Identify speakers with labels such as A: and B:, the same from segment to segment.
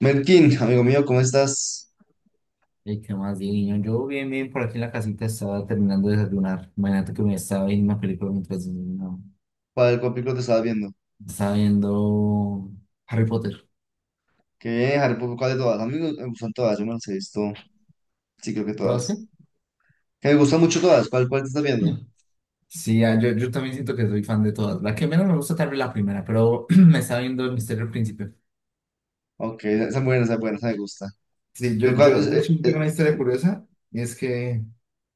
A: Merkin, amigo mío, ¿cómo estás?
B: ¿Y qué más, divino? Yo bien, bien, por aquí en la casita estaba terminando de desayunar. Imagínate que me estaba viendo una película mientras desayunaba.
A: ¿Cuál película te estabas viendo?
B: Estaba viendo Harry Potter.
A: Que Harry Potter, ¿cuál de todas? A mí me gustan todas, yo me las he visto, sí creo que
B: ¿Todas qué?
A: todas. Que me gustan mucho todas, ¿cuál te estás viendo?
B: No. Sí, ah, yo también siento que soy fan de todas. La que menos me gusta tal vez la primera, pero me estaba viendo El Misterio del Príncipe.
A: Ok, esa es buena, esa es buena, esa me gusta.
B: Sí,
A: Lo
B: yo,
A: cual
B: yo,
A: es-
B: de
A: eh,
B: hecho,
A: eh,
B: tengo una historia curiosa, y es que,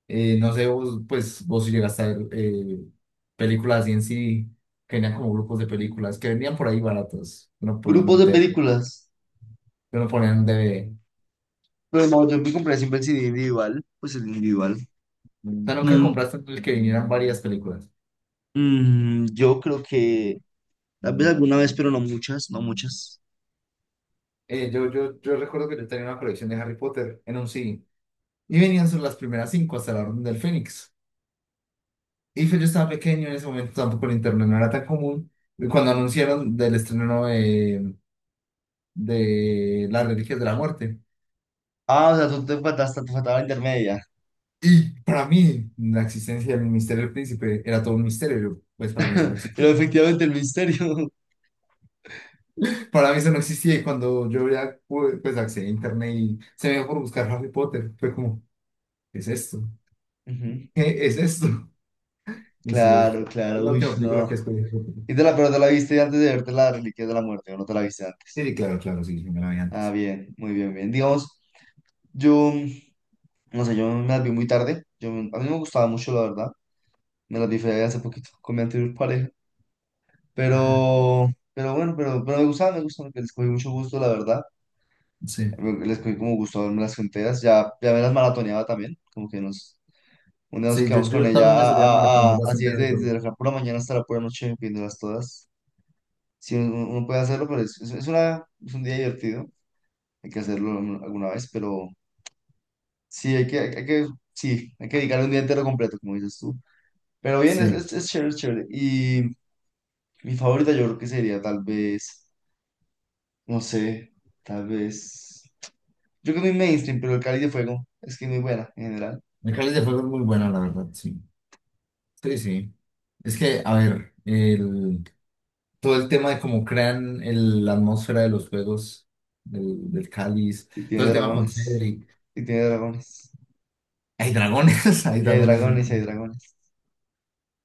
B: no sé, vos, pues, vos si llegaste a ver películas así en sí, que venían como grupos de películas, que vendían por ahí baratos, uno ponía
A: Grupos de
B: en un DVD,
A: películas,
B: uno ponía en un DVD.
A: pero no, yo me compré siempre el CD individual, pues el individual.
B: O sea, nunca
A: Como
B: compraste el que vinieran varias películas.
A: yo creo que tal vez alguna vez, pero no muchas, no muchas.
B: Yo recuerdo que yo tenía una colección de Harry Potter en un CD. Y venían sobre las primeras cinco hasta la Orden del Fénix. Y pues yo estaba pequeño en ese momento, tampoco el internet no era tan común. Y cuando anunciaron del estreno de Las Reliquias de la Muerte.
A: Ah, o sea, tú te faltaste, te faltaba la intermedia.
B: Y para mí, la existencia del misterio del príncipe era todo un misterio. Yo, pues para mí eso no
A: Pero
B: existía.
A: efectivamente el misterio.
B: Para mí eso no existía. Y cuando yo ya pude, pues accedí a internet y se me dio por buscar Harry Potter, fue como, ¿qué es esto?
A: Ujú.
B: ¿Qué es esto? Y sí, es
A: Claro, claro,
B: la
A: uy,
B: última película
A: no.
B: que escogí. Sí,
A: Pero te la viste antes de verte la Reliquia de la Muerte, o no te la viste antes.
B: sí, claro, claro, sí, yo me la vi
A: Ah,
B: antes.
A: bien, muy bien, bien. Digamos, yo, no sé, yo me las vi muy tarde. A mí me gustaba mucho, la verdad. Me las vi fue hace poquito con mi anterior pareja.
B: Ajá,
A: Pero bueno, pero me gustaba, les cogí mucho gusto, la verdad.
B: sí.
A: Les cogí como gusto a verme las enteras. Ya me las maratoneaba también, como que nos, un día nos
B: Sí, yo,
A: quedamos con
B: yo
A: ella
B: también me solía maratonear
A: así
B: bastante de
A: desde,
B: todo.
A: desde la pura mañana hasta la pura noche, viéndolas todas. Sí, uno puede hacerlo, pero es un día divertido. Hay que hacerlo alguna vez, pero sí, hay que, hay que, sí, hay que dedicarle un día entero completo, como dices tú. Pero bien, es,
B: Sí,
A: es, es chévere, es chévere. Y mi favorita yo creo que sería tal vez, no sé, tal vez, yo creo que mi mainstream, pero el Cáliz de Fuego es que es muy buena en general.
B: el Cáliz de Fuego es muy buena, la verdad, sí. Sí, sí. Es que, a ver, todo el tema de cómo crean la atmósfera de los juegos, del Cáliz,
A: Y
B: todo
A: tiene
B: el tema con
A: dragones.
B: Cedric.
A: Y tiene dragones.
B: Hay dragones, hay
A: Y hay
B: dragones.
A: dragones, y hay dragones.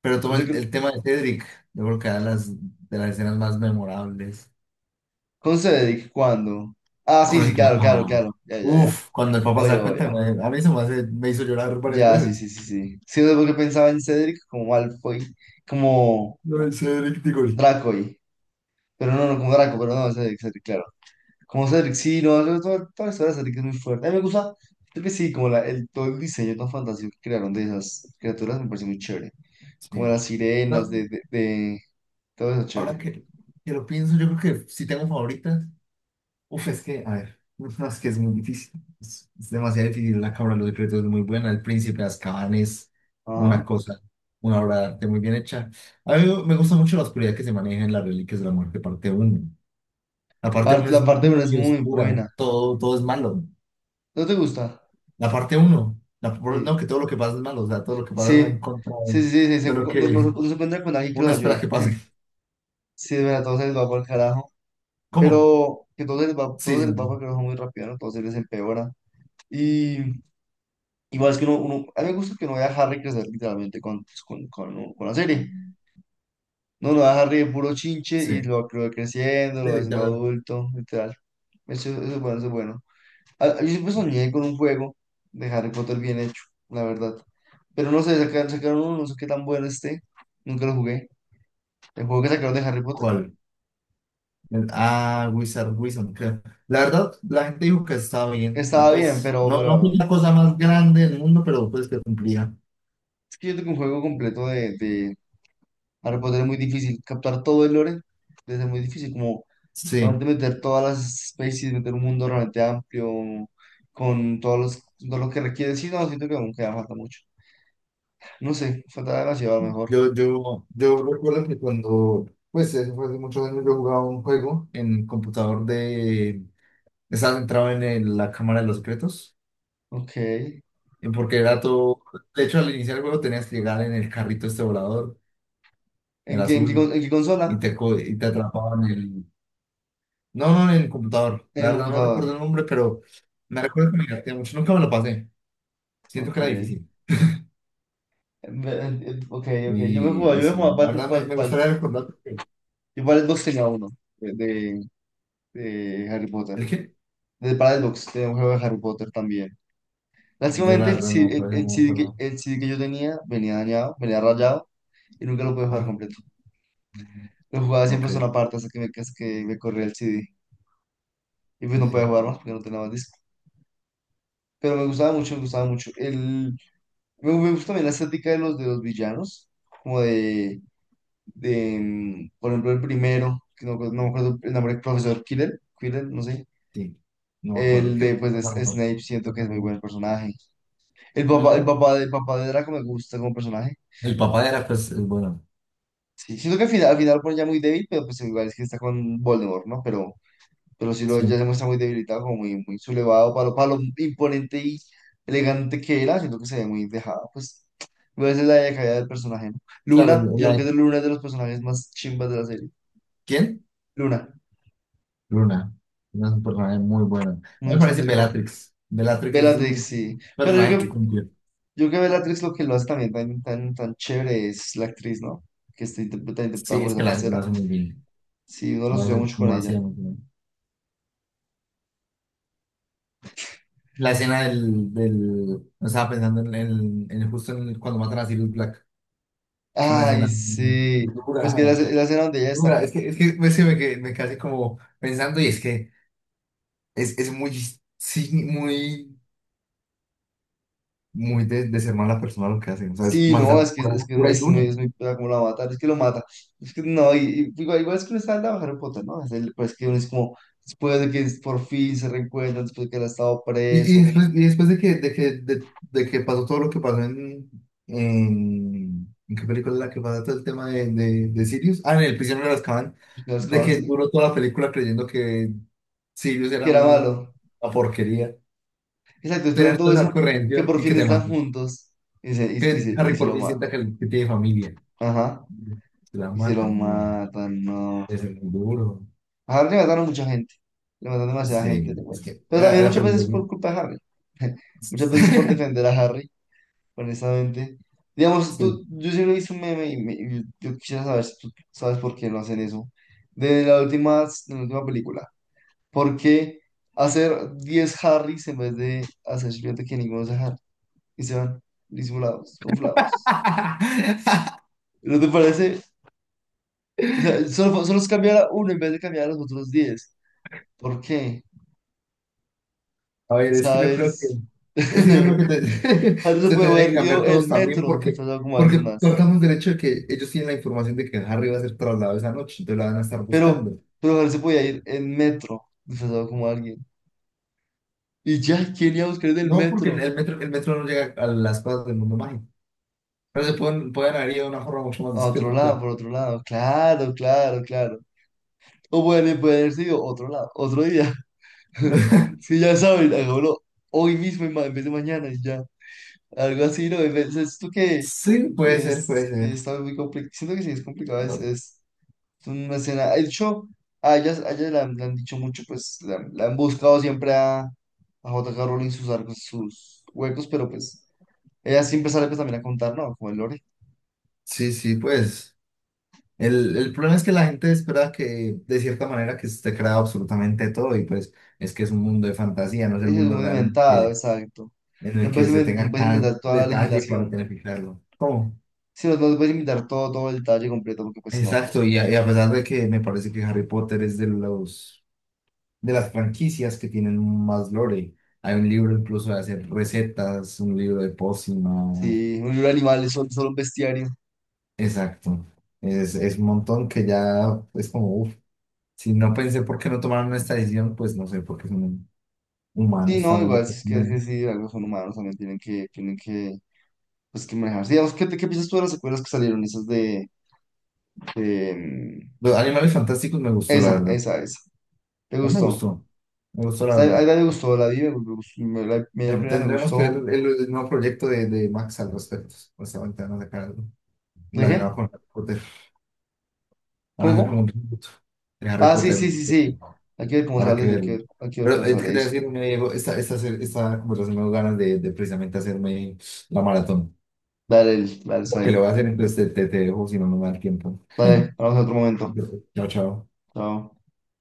B: Pero todo
A: Siento que.
B: el tema de Cedric, yo creo que era las, de las escenas más memorables.
A: ¿Con Cedric? ¿Cuándo? Ah, sí,
B: Con el
A: sí, claro, claro,
B: papá.
A: claro. Ya, ya, ya.
B: Uf, cuando el papá se
A: Oye,
B: da
A: oye.
B: cuenta, a mí se me me hizo llorar varias
A: Ya, sí,
B: veces.
A: sí, sí, sí. Sí, o porque pensaba en Cedric como Malfoy, como
B: No, en serio, qué digo.
A: Dracoy. Pero no, no, como Draco, pero no, Cedric, Cedric, claro. Como Cedric, sí, no, toda la historia de Cedric es muy fuerte. A mí me gusta, creo que sí, como todo el diseño tan fantástico que crearon de esas criaturas me parece muy chévere. Como
B: Sí.
A: las sirenas,
B: No,
A: todo eso
B: ahora
A: chévere.
B: que lo pienso, yo creo que si tengo favoritas, uf, es que, a ver, no, es que es muy difícil. Es demasiado difícil. La cabra de los Secretos es muy buena. El Príncipe de Azkaban es una
A: Ajá.
B: cosa, una obra de arte muy bien hecha. A mí me gusta mucho la oscuridad que se maneja en las Reliquias de la Muerte, parte uno. La parte
A: Par-
B: uno es
A: la parte una es
B: muy
A: muy
B: oscura.
A: buena.
B: Todo, todo es malo.
A: ¿No te gusta?
B: La parte uno, no,
A: Sí.
B: que todo lo que pasa es malo, o sea, todo lo que pasa va en
A: Sí,
B: contra
A: sí, sí, sí, sí,
B: de lo
A: no, no se
B: que
A: no se encuentra con alguien que
B: uno
A: los
B: espera
A: ayude.
B: que pase.
A: Sí, de verdad, todo se les va por el carajo.
B: ¿Cómo?
A: Pero que todo se les va,
B: Sí,
A: todo se les
B: sí,
A: va que baja muy rápido, ¿no? Todo se les empeora. Y igual es que a mí me gusta que no vea a Harry crecer literalmente pues, con la serie. No, lo ve a Harry de puro chinche y
B: sí.
A: lo va creciendo, lo
B: Sí,
A: va
B: sí,
A: haciendo
B: tal
A: adulto, literal. Eso es bueno, eso es bueno. Ah, yo siempre soñé con un juego de Harry Potter bien hecho, la verdad. Pero no sé, sacaron uno, no sé qué tan bueno esté. Nunca lo jugué. El juego que sacaron de Harry Potter
B: cuál. Ah, Wizard Wilson, creo. La verdad, la gente dijo que estaba bien, y
A: estaba bien,
B: pues,
A: pero,
B: no, no fue
A: pero
B: la cosa más grande del mundo, pero pues que cumplía.
A: es que yo tengo un juego completo Harry Potter. Es muy difícil captar todo el lore, entonces es muy difícil como
B: Sí,
A: realmente meter todas las especies, meter un mundo realmente amplio, con todos los, todo lo que requiere. Sí, no, siento que aún queda falta mucho. No sé, falta demasiado a lo mejor.
B: yo recuerdo que cuando, pues, eso fue hace muchos años, yo jugaba un juego en computador de. Estaba entrado en la Cámara de los Secretos.
A: Ok. ¿En
B: Porque era todo. De hecho, al iniciar el juego tenías que llegar en el carrito este volador,
A: qué,
B: el
A: en qué,
B: azul,
A: con- en qué
B: y
A: consola?
B: y te atrapaban en el. No, no, en el computador.
A: En el
B: La verdad no
A: computador.
B: recuerdo el nombre, pero me recuerdo que me divertía mucho. Nunca me lo pasé. Siento
A: Ok.
B: que era difícil.
A: Ok, ok. Yo me jugaba,
B: Y,
A: yo
B: y
A: me
B: sí,
A: jugaba
B: la verdad me gustaría recordar, porque...
A: yo para el Xbox tenía uno de, de, de Harry Potter.
B: ¿El qué?
A: Para el Xbox tenía un juego de Harry Potter también.
B: Yo
A: Básicamente
B: la verdad no, por
A: El
B: ejemplo, no,
A: CD
B: pero...
A: que yo tenía venía dañado, venía rayado y nunca lo pude jugar
B: Ah,
A: completo. Lo jugaba siempre
B: ok.
A: solo aparte hasta que me corría el CD. Y pues
B: Sí,
A: no podía
B: sí,
A: jugar más porque no tenía más disco. Pero me gustaba mucho, me gustaba mucho. Me gusta también la estética de los villanos, como por ejemplo, el primero, que no me acuerdo el nombre, profesor Quirrell, Quirrell, no sé.
B: sí. No me acuerdo.
A: El
B: Es que
A: de, pues,
B: no me
A: de
B: acuerdo.
A: Snape, siento que es muy buen personaje. El papá, el
B: Ujú.
A: papá, de- el papá de Draco me gusta como personaje.
B: El papá era, pues, el bueno.
A: Sí, siento que al final, pone ya muy débil, pero pues igual es que está con Voldemort, ¿no? pero sí lo ya
B: Sí.
A: se muestra muy debilitado, como muy, muy sublevado para lo imponente y elegante que era, siento que se ve muy dejado, pues igual esa es la decaída del personaje, ¿no?
B: Claro,
A: Luna, yo
B: la-
A: creo que Luna es de los personajes más chimbas de la serie.
B: ¿Quién?
A: Luna,
B: Luna. Luna es un personaje muy bueno.
A: muy
B: Me parece
A: excéntrico.
B: Bellatrix. Bellatrix es
A: Bellatrix,
B: un
A: sí. Pero yo
B: personaje
A: creo,
B: que
A: yo
B: cumple.
A: creo que Bellatrix lo que lo hace también tan, tan, tan chévere es la actriz, ¿no? Que está interpretada
B: Sí,
A: por
B: es que
A: esa
B: la, lo
A: parcera.
B: hace muy bien.
A: Sí, uno lo
B: Lo
A: asocia
B: hace
A: mucho con ella.
B: demasiado muy bien. La escena del... no. Estaba pensando en, el, en justo en el- cuando matan a Sirius Black. Es una
A: Ay,
B: escena
A: sí. Pues que
B: dura,
A: la, ce- la escena donde ella
B: dura.
A: destaca.
B: Es que me quedé como pensando y es que es muy, sí, muy, muy de ser mala persona lo que hacen. O sea, es
A: Sí, no,
B: maldad
A: es que
B: pura, pura y dura.
A: es muy pela como la mata, es que lo mata. Es que no, y, y igual es que no está en la Harry Potter, ¿no? Es el, pues que uno es como, después de que por fin se reencuentran, después de que él ha estado
B: Y, y
A: preso,
B: después, y después de que pasó todo lo que pasó ¿en qué película es la que pasa todo el tema de Sirius, ah, en El prisionero de Azkaban,
A: después que lo
B: de
A: acaban,
B: que
A: sí,
B: duró toda la película creyendo que Sirius
A: que
B: era
A: era malo.
B: una porquería,
A: Exacto, después de
B: tenías que
A: todo
B: estar
A: eso, que
B: corriendo
A: por
B: y
A: fin
B: que te
A: están
B: maten,
A: juntos y se, y, y se,
B: que
A: y
B: Harry
A: se
B: por
A: lo
B: fin sienta
A: matan.
B: que tiene familia,
A: Ajá,
B: se la
A: y se lo
B: matan, no,
A: matan, no.
B: es muy duro,
A: A Harry le mataron mucha gente, le mataron demasiada gente,
B: sí,
A: de
B: es
A: acuerdo.
B: que
A: Pero
B: era,
A: también
B: era
A: muchas veces
B: peligroso,
A: por culpa de Harry, muchas veces por defender a Harry, honestamente. Digamos,
B: sí.
A: yo siempre he visto un meme y yo quisiera saber si tú sabes por qué no hacen eso. De la última película, ¿por qué hacer 10 Harrys en vez de hacer simplemente que ninguno sea Harry? Y se van disimulados, conflados. ¿No te parece? O sea, solo se cambiara uno en vez de cambiar a los otros 10. ¿Por qué?
B: A ver, es que yo creo que,
A: ¿Sabes?
B: es que yo creo
A: Harry se
B: se
A: puede
B: tendría que
A: haber ido
B: cambiar todos
A: en
B: también
A: metro
B: porque,
A: disfrazado como
B: porque
A: alguien más.
B: partamos del hecho de que ellos tienen la información de que Harry va a ser trasladado esa noche, entonces la van a estar
A: Pero,
B: buscando.
A: pero Harry se podía ir en metro disfrazado como alguien. Y ya, ¿quién iba a buscar en el
B: No, porque
A: metro?
B: el metro no llega a las cosas del mundo mágico, pero se pueden, pueden haber ido de una forma mucho más
A: A otro
B: discreta, claro.
A: lado, por otro lado. Claro, claro, claro. O puede haber sido otro lado, otro día. Sí, ya saben, hagámoslo hoy mismo en vez de mañana y ya. Algo así, ¿no? Es esto que,
B: Sí, puede
A: que
B: ser, puede
A: es, que
B: ser.
A: está muy complicado. Siento que sí es complicado, es,
B: No.
A: es Es una escena. De hecho, a ella le han dicho mucho, pues la han buscado siempre a J.K. Rowling sus arcos, sus huecos, pero pues ella siempre sale pues también a contar, ¿no? Como el lore.
B: Sí, sí, pues. El problema es que la gente espera que, de cierta manera, que esté creado absolutamente todo, y pues es que es un mundo de fantasía, no es el
A: Ella es
B: mundo
A: muy
B: real,
A: inventado, exacto.
B: en el
A: No
B: que
A: puedes
B: se
A: inven- no
B: tenga
A: puedes
B: cada
A: inventar toda la
B: detalle para
A: legislación.
B: planificarlo. ¿Cómo?
A: Sí, no, no puedes inventar todo el detalle completo, porque pues no, joder.
B: Exacto, y y a pesar de que me parece que Harry Potter es de los de las franquicias que tienen más lore. Hay un libro incluso de hacer recetas, un libro de pócimas.
A: Sí, un libro de animales, solo un bestiario.
B: Exacto. Es un montón que ya es como, uff, si no pensé por qué no tomaron esta decisión, pues no sé, porque son
A: Sí,
B: humanos
A: no,
B: también.
A: igual, si es que, sí, algo son humanos, también tienen que manejarse. Digamos, ¿qué piensas tú de las secuelas que salieron? Esas de, de, mm,
B: Los animales fantásticos me gustó, la
A: esa,
B: verdad.
A: esa, esa. ¿Te
B: No me
A: gustó? O
B: gustó, me gustó la
A: sea,
B: verdad.
A: ahí la me gustó, la vi, me gustó, la primera me
B: Tendremos que ver
A: gustó.
B: el nuevo proyecto de Max al respecto. Pues ahorita van a sacar algo
A: ¿De qué?
B: planeado con Harry Potter. Van a hacer como
A: ¿Cómo?
B: un reboot de Harry
A: Ah, sí,
B: Potter.
A: sí, sí, sí. Hay que ver cómo
B: Habrá
A: sale,
B: que
A: eso, hay que
B: verlo.
A: ver, hay que ver
B: Pero
A: cómo
B: es que te
A: sale
B: voy a
A: eso.
B: decir, me Diego, esta conversación me dio ganas de precisamente hacerme la maratón.
A: Dale, dale,
B: Lo
A: está
B: que le
A: bien.
B: voy a hacer, entonces te dejo, si no, no me da el tiempo.
A: Dale, hablamos en otro momento.
B: Yo... Chao, chao.
A: Chao.